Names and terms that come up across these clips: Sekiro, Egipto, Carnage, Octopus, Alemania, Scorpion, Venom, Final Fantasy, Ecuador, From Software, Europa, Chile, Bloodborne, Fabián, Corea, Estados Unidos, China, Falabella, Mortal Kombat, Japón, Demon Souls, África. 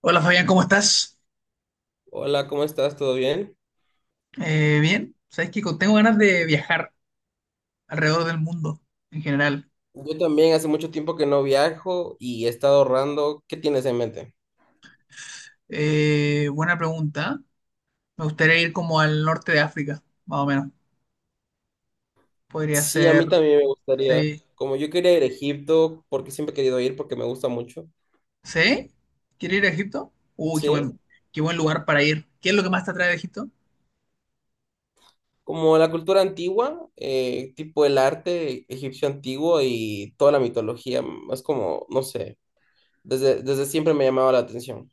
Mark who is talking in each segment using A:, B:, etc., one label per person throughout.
A: Hola Fabián, ¿cómo estás?
B: Hola, ¿cómo estás? ¿Todo bien?
A: Bien, sabes que tengo ganas de viajar alrededor del mundo en general.
B: Yo también hace mucho tiempo que no viajo y he estado ahorrando. ¿Qué tienes en mente?
A: Buena pregunta. Me gustaría ir como al norte de África, más o menos. Podría
B: Sí, a
A: ser,
B: mí también me gustaría.
A: sí,
B: Como yo quería ir a Egipto, porque siempre he querido ir, porque me gusta mucho.
A: ¿sí? ¿Quieres ir a Egipto? Uy,
B: Sí,
A: qué buen lugar para ir. ¿Qué es lo que más te atrae de Egipto?
B: como la cultura antigua, tipo el arte egipcio antiguo y toda la mitología, es como, no sé, desde siempre me llamaba la atención.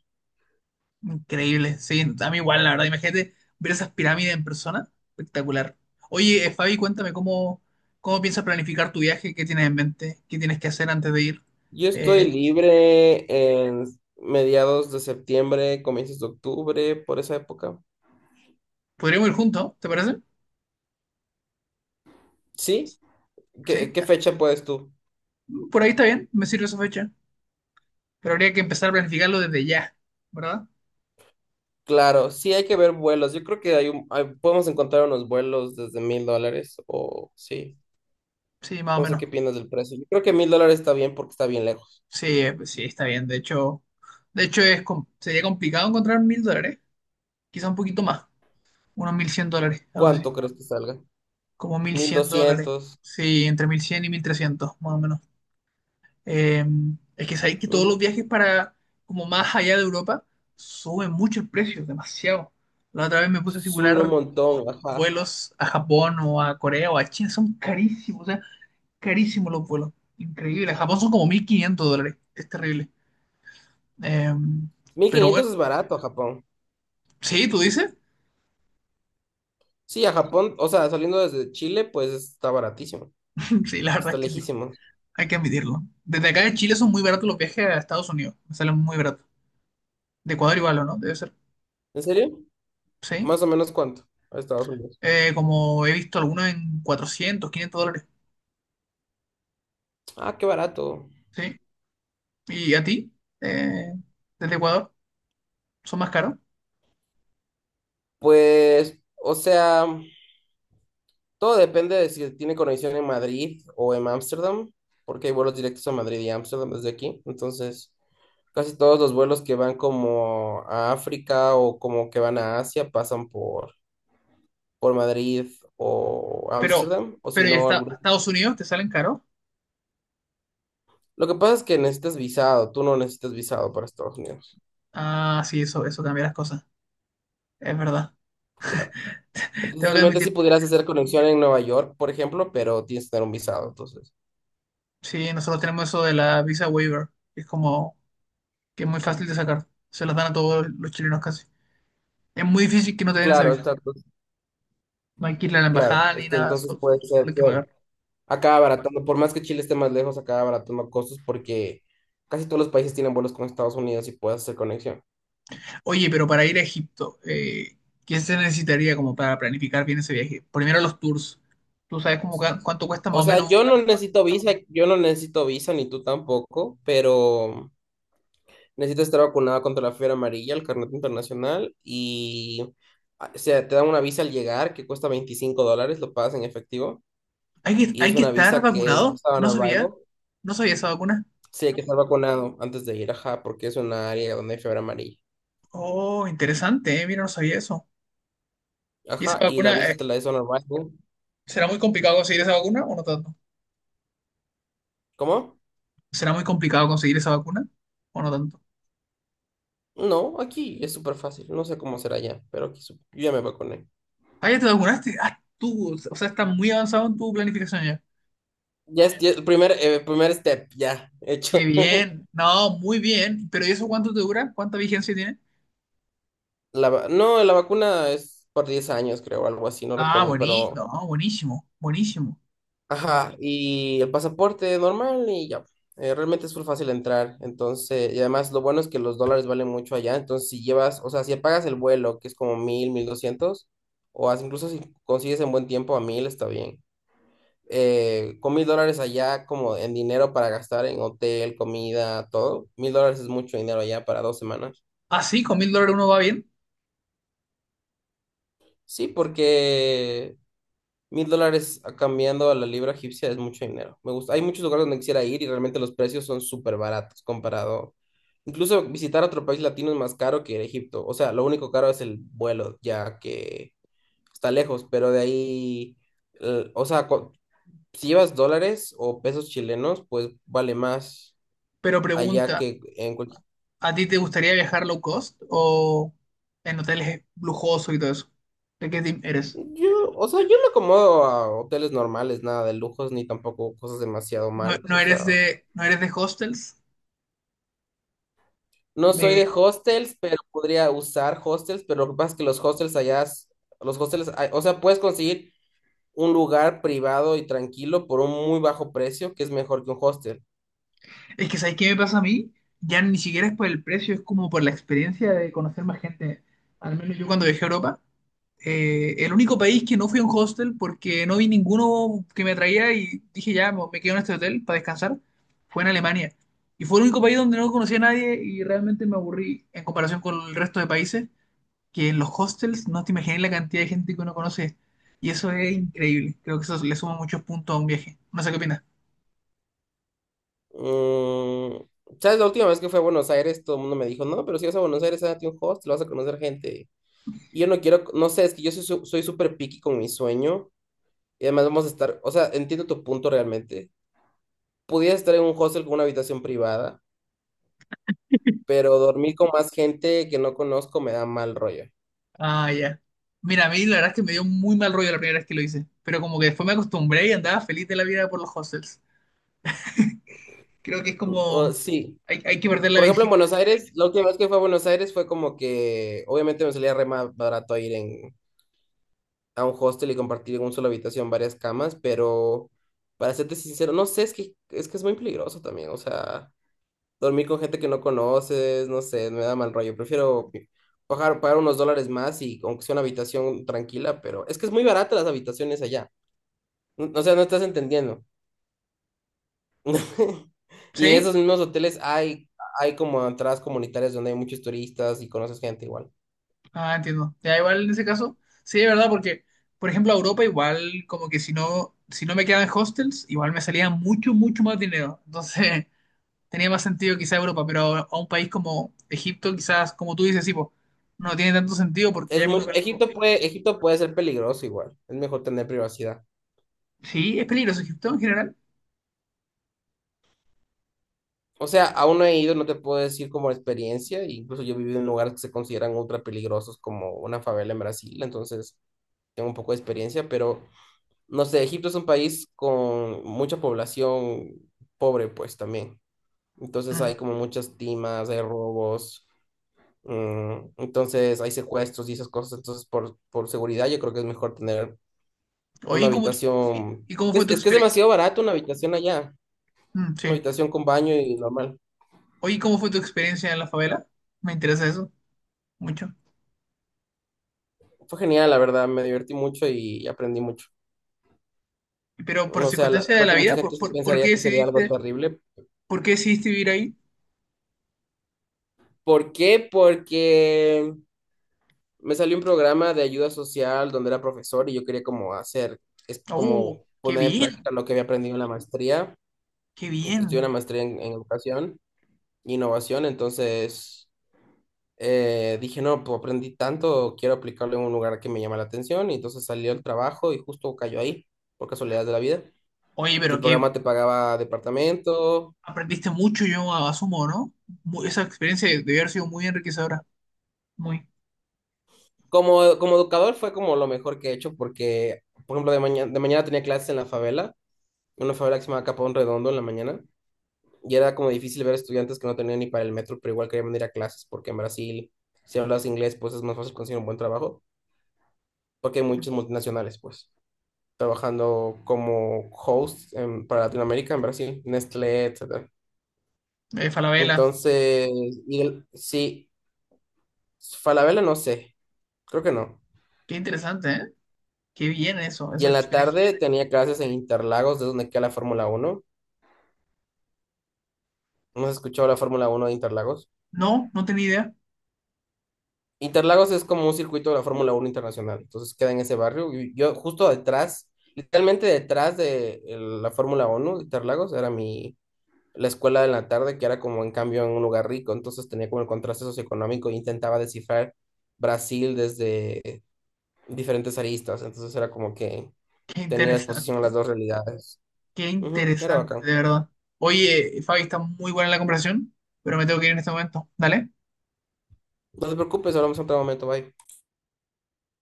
A: Increíble, sí, a mí igual, la verdad. Imagínate ver esas pirámides en persona, espectacular. Oye, Fabi, cuéntame cómo piensas planificar tu viaje, qué tienes en mente, qué tienes que hacer antes de ir.
B: Yo estoy
A: Eh,
B: libre en mediados de septiembre, comienzos de octubre, por esa época.
A: Podríamos ir juntos, ¿te parece?
B: ¿Sí?
A: Sí.
B: ¿Qué fecha puedes tú?
A: Por ahí está bien, me sirve esa fecha. Pero habría que empezar a planificarlo desde ya, ¿verdad?
B: Claro, sí hay que ver vuelos. Yo creo que podemos encontrar unos vuelos desde $1000 o sí.
A: Sí, más o
B: No sé
A: menos.
B: qué piensas del precio. Yo creo que $1000 está bien porque está bien lejos.
A: Sí, sí, está bien. De hecho sería complicado encontrar $1,000. Quizá un poquito más. Unos $1,100, algo así.
B: ¿Cuánto crees que salga?
A: Como mil
B: Mil
A: cien dólares.
B: doscientos.
A: Sí, entre 1,100 y 1,300, más o menos. Eh, es que sabéis que todos los
B: Ujú.
A: viajes para como más allá de Europa suben mucho el precio, demasiado. La otra vez me puse a
B: Suben un
A: simular
B: montón,
A: como
B: ajá.
A: vuelos a Japón o a Corea o a China, son carísimos, o sea, carísimos los vuelos. Increíble. A Japón son como $1,500, es terrible. Eh,
B: Mil
A: pero
B: quinientos
A: bueno,
B: es barato a Japón.
A: sí, tú dices,
B: Sí, a Japón, o sea, saliendo desde Chile, pues está baratísimo.
A: sí, la verdad
B: Está
A: es que sí,
B: lejísimo.
A: hay que admitirlo. Desde acá de Chile son muy baratos los viajes a Estados Unidos, me salen muy baratos. De Ecuador igual, ¿o no? Debe ser,
B: ¿En serio?
A: sí.
B: ¿Más o menos cuánto? A Estados Unidos.
A: Como he visto algunos en $400-$500.
B: Ah, qué barato.
A: Sí, y a ti, eh, desde Ecuador, son más caros.
B: Pues, o sea. Todo depende de si tiene conexión en Madrid o en Ámsterdam, porque hay vuelos directos a Madrid y Ámsterdam desde aquí. Entonces, casi todos los vuelos que van como a África o como que van a Asia pasan por Madrid o
A: Pero,
B: Ámsterdam, o si
A: pero ya
B: no,
A: está, a
B: algún.
A: Estados Unidos te salen caros.
B: Lo que pasa es que necesitas visado, tú no necesitas visado para Estados Unidos,
A: Ah, sí, eso cambia las cosas. Es verdad.
B: claro. Entonces,
A: Tengo que
B: realmente sí
A: admitir,
B: pudieras hacer conexión en Nueva York, por ejemplo, pero tienes que tener un visado, entonces.
A: sí, nosotros tenemos eso de la visa waiver, que es como que es muy fácil de sacar. Se las dan a todos los chilenos casi. Es muy difícil que no te den esa
B: Claro,
A: visa.
B: exacto,
A: No hay que ir a la
B: claro.
A: embajada
B: Es
A: ni
B: que
A: nada,
B: entonces puede
A: solo,
B: ser,
A: hay que pagar.
B: acá abaratando, por más que Chile esté más lejos, acá abaratando costos porque casi todos los países tienen vuelos con Estados Unidos y puedes hacer conexión.
A: Oye, pero para ir a Egipto, ¿qué se necesitaría como para planificar bien ese viaje? Primero los tours. ¿Tú sabes como cuánto cuesta más
B: O
A: o
B: sea,
A: menos?
B: yo no necesito visa, yo no necesito visa, ni tú tampoco, pero necesito estar vacunado contra la fiebre amarilla, el carnet internacional y, ah, o sea, te dan una visa al llegar que cuesta $25, lo pagas en efectivo
A: Hay que,
B: y
A: hay
B: es
A: que
B: una
A: estar
B: visa que es
A: vacunado.
B: visa on
A: No sabía.
B: arrival.
A: No sabía esa vacuna.
B: Sí, hay que estar vacunado antes de ir, ajá, porque es una área donde hay fiebre amarilla.
A: Oh, interesante, mira, no sabía eso. ¿Y esa
B: Ajá, y la
A: vacuna,
B: visa te la es on arrival.
A: será muy complicado conseguir esa vacuna o no tanto?
B: ¿Cómo?
A: ¿Será muy complicado conseguir esa vacuna o no tanto?
B: No, aquí es súper fácil. No sé cómo será ya, pero aquí yo ya me vacuné.
A: Ah, ya te vacunaste. Ah, tú, o sea, estás muy avanzado en tu planificación ya.
B: Ya es el primer step, ya
A: Qué
B: hecho.
A: bien. No, muy bien. ¿Pero y eso cuánto te dura? ¿Cuánta vigencia tiene?
B: No, la vacuna es por 10 años, creo, algo así, no
A: Ah,
B: recuerdo,
A: buenísimo.
B: pero.
A: No, buenísimo. Buenísimo.
B: Ajá, y el pasaporte normal y ya. Realmente es muy fácil entrar, entonces, y además lo bueno es que los dólares valen mucho allá, entonces si llevas, o sea, si pagas el vuelo, que es como 1000, 1200, o incluso si consigues en buen tiempo a mil, está bien. Eh, con $1000 allá como en dinero para gastar en hotel, comida, todo, $1000 es mucho dinero allá para 2 semanas.
A: Así, con $1,000 uno va bien.
B: Sí, porque $1000 cambiando a la libra egipcia es mucho dinero. Me gusta. Hay muchos lugares donde quisiera ir y realmente los precios son súper baratos comparado. Incluso visitar otro país latino es más caro que ir a Egipto. O sea, lo único caro es el vuelo, ya que está lejos, pero de ahí, o sea, si llevas dólares o pesos chilenos, pues vale más,
A: Pero
B: allá
A: pregunta,
B: que en cualquier.
A: ¿a ti te gustaría viajar low cost o en hoteles lujosos y todo eso? ¿De qué team eres?
B: Yo, o sea, yo me acomodo a hoteles normales, nada de lujos, ni tampoco cosas demasiado
A: ¿No,
B: malas,
A: no
B: o
A: eres
B: sea,
A: de hostels?
B: no soy de
A: De...
B: hostels, pero podría usar hostels, pero lo que pasa es que los hostels allá, los hostels, o sea, puedes conseguir un lugar privado y tranquilo por un muy bajo precio, que es mejor que un hostel.
A: Es que, ¿sabes qué me pasa a mí? Ya ni siquiera es por el precio, es como por la experiencia de conocer más gente. Al menos yo cuando viajé a Europa, el único país que no fui a un hostel porque no vi ninguno que me atraía y dije ya, me quedo en este hotel para descansar, fue en Alemania. Y fue el único país donde no conocí a nadie y realmente me aburrí en comparación con el resto de países, que en los hostels no te imaginas la cantidad de gente que uno conoce. Y eso es increíble. Creo que eso le suma muchos puntos a un viaje. No sé qué opinas.
B: Mm, ¿Sabes? La última vez que fui a Buenos Aires, todo el mundo me dijo, no, pero si vas a Buenos Aires, hágate un hostel, vas a conocer gente. Y yo no quiero, no sé, es que yo soy soy súper picky con mi sueño. Y además vamos a estar, o sea, entiendo tu punto realmente. Pudiera estar en un hostel con una habitación privada, pero dormir con más gente que no conozco me da mal rollo.
A: Ah, ya. Mira, a mí la verdad es que me dio muy mal rollo la primera vez que lo hice. Pero como que después me acostumbré y andaba feliz de la vida por los hostels. Creo que es
B: O,
A: como...
B: sí,
A: Hay que perder la
B: por ejemplo, en
A: virginidad.
B: Buenos Aires, la última vez que fue a Buenos Aires fue como que, obviamente me salía re más barato ir en, a un hostel y compartir en una sola habitación varias camas, pero para serte sincero, no sé, es que es muy peligroso también, o sea. Dormir con gente que no conoces, no sé, me da mal rollo. Prefiero pagar unos dólares más y aunque sea una habitación tranquila, pero es que es muy barata las habitaciones allá. O sea, no estás entendiendo. Y en
A: ¿Sí?
B: esos mismos hoteles hay como entradas comunitarias donde hay muchos turistas y conoces gente igual.
A: Ah, entiendo. Ya igual en ese caso. Sí, de verdad, porque... Por ejemplo, a Europa igual como que si no me quedaba en hostels, igual me salía mucho, mucho más dinero. Entonces... tenía más sentido quizá Europa, pero a un país como Egipto, quizás, como tú dices, sí, po, no tiene tanto sentido porque ya es muy barato.
B: Egipto puede ser peligroso igual. Es mejor tener privacidad.
A: Sí, es peligroso Egipto en general.
B: O sea, aún no he ido, no te puedo decir como experiencia, e incluso yo he vivido en lugares que se consideran ultra peligrosos como una favela en Brasil, entonces tengo un poco de experiencia, pero no sé, Egipto es un país con mucha población pobre pues también, entonces hay
A: Mm.
B: como muchas timas, hay robos, mm, entonces hay secuestros y esas cosas, entonces por seguridad yo creo que es mejor tener una
A: Oye, ¿cómo, tu-
B: habitación,
A: y cómo fue tu
B: es que es
A: experiencia?
B: demasiado barato una habitación allá, una
A: Sí.
B: habitación con baño y normal.
A: Oye, ¿cómo fue tu experiencia en la favela? Me interesa eso mucho.
B: Fue genial, la verdad, me divertí mucho y aprendí mucho.
A: Pero por
B: O sea,
A: circunstancias de
B: creo
A: la
B: que mucha
A: vida, ¿por,
B: gente se
A: por, por qué
B: pensaría que sería algo
A: decidiste,
B: terrible.
A: por qué decidiste vivir ahí?
B: ¿Por qué? Porque me salió un programa de ayuda social donde era profesor y yo quería como hacer, es
A: ¡Oh,
B: como
A: qué
B: poner en
A: bien!
B: práctica lo que había aprendido en la maestría.
A: ¡Qué
B: Estudié
A: bien!
B: una maestría en, educación e innovación, entonces dije, no, pues aprendí tanto, quiero aplicarlo en un lugar que me llama la atención y entonces salió el trabajo y justo cayó ahí, por casualidad de la vida.
A: Oye,
B: El
A: pero que
B: programa te pagaba departamento.
A: aprendiste mucho, yo asumo, ¿no? Mu- esa experiencia debió haber sido muy enriquecedora. Muy.
B: Como educador fue como lo mejor que he hecho porque, por ejemplo, de mañana tenía clases en la favela, en una favela que se llama Capón Redondo en la mañana, y era como difícil ver estudiantes que no tenían ni para el metro, pero igual querían venir a clases porque en Brasil, si hablas inglés, pues es más fácil conseguir un buen trabajo, porque hay muchos multinacionales, pues, trabajando como host para Latinoamérica, en Brasil, Nestlé, etcétera.
A: Falabella.
B: Entonces, sí, Falabella no sé, creo que no.
A: Qué interesante, ¿eh? Qué bien eso,
B: Y
A: esa
B: en la
A: experiencia.
B: tarde tenía clases en Interlagos, de donde queda la Fórmula Uno. ¿No has escuchado la Fórmula uno de Interlagos?
A: No, no tenía idea.
B: Interlagos es como un circuito de la Fórmula uno internacional, entonces queda en ese barrio. Y yo justo detrás, literalmente detrás la Fórmula uno de Interlagos, era mi, la escuela de la tarde, que era como en cambio en un lugar rico, entonces tenía como el contraste socioeconómico e intentaba descifrar Brasil desde diferentes aristas, entonces era como que
A: Qué
B: tenía exposición a las
A: interesante,
B: dos realidades.
A: qué
B: Ujú, era
A: interesante,
B: bacán.
A: de verdad. Oye, Fabi, está muy buena la conversación, pero me tengo que ir en este momento. Dale.
B: No te preocupes, hablamos en otro momento, bye.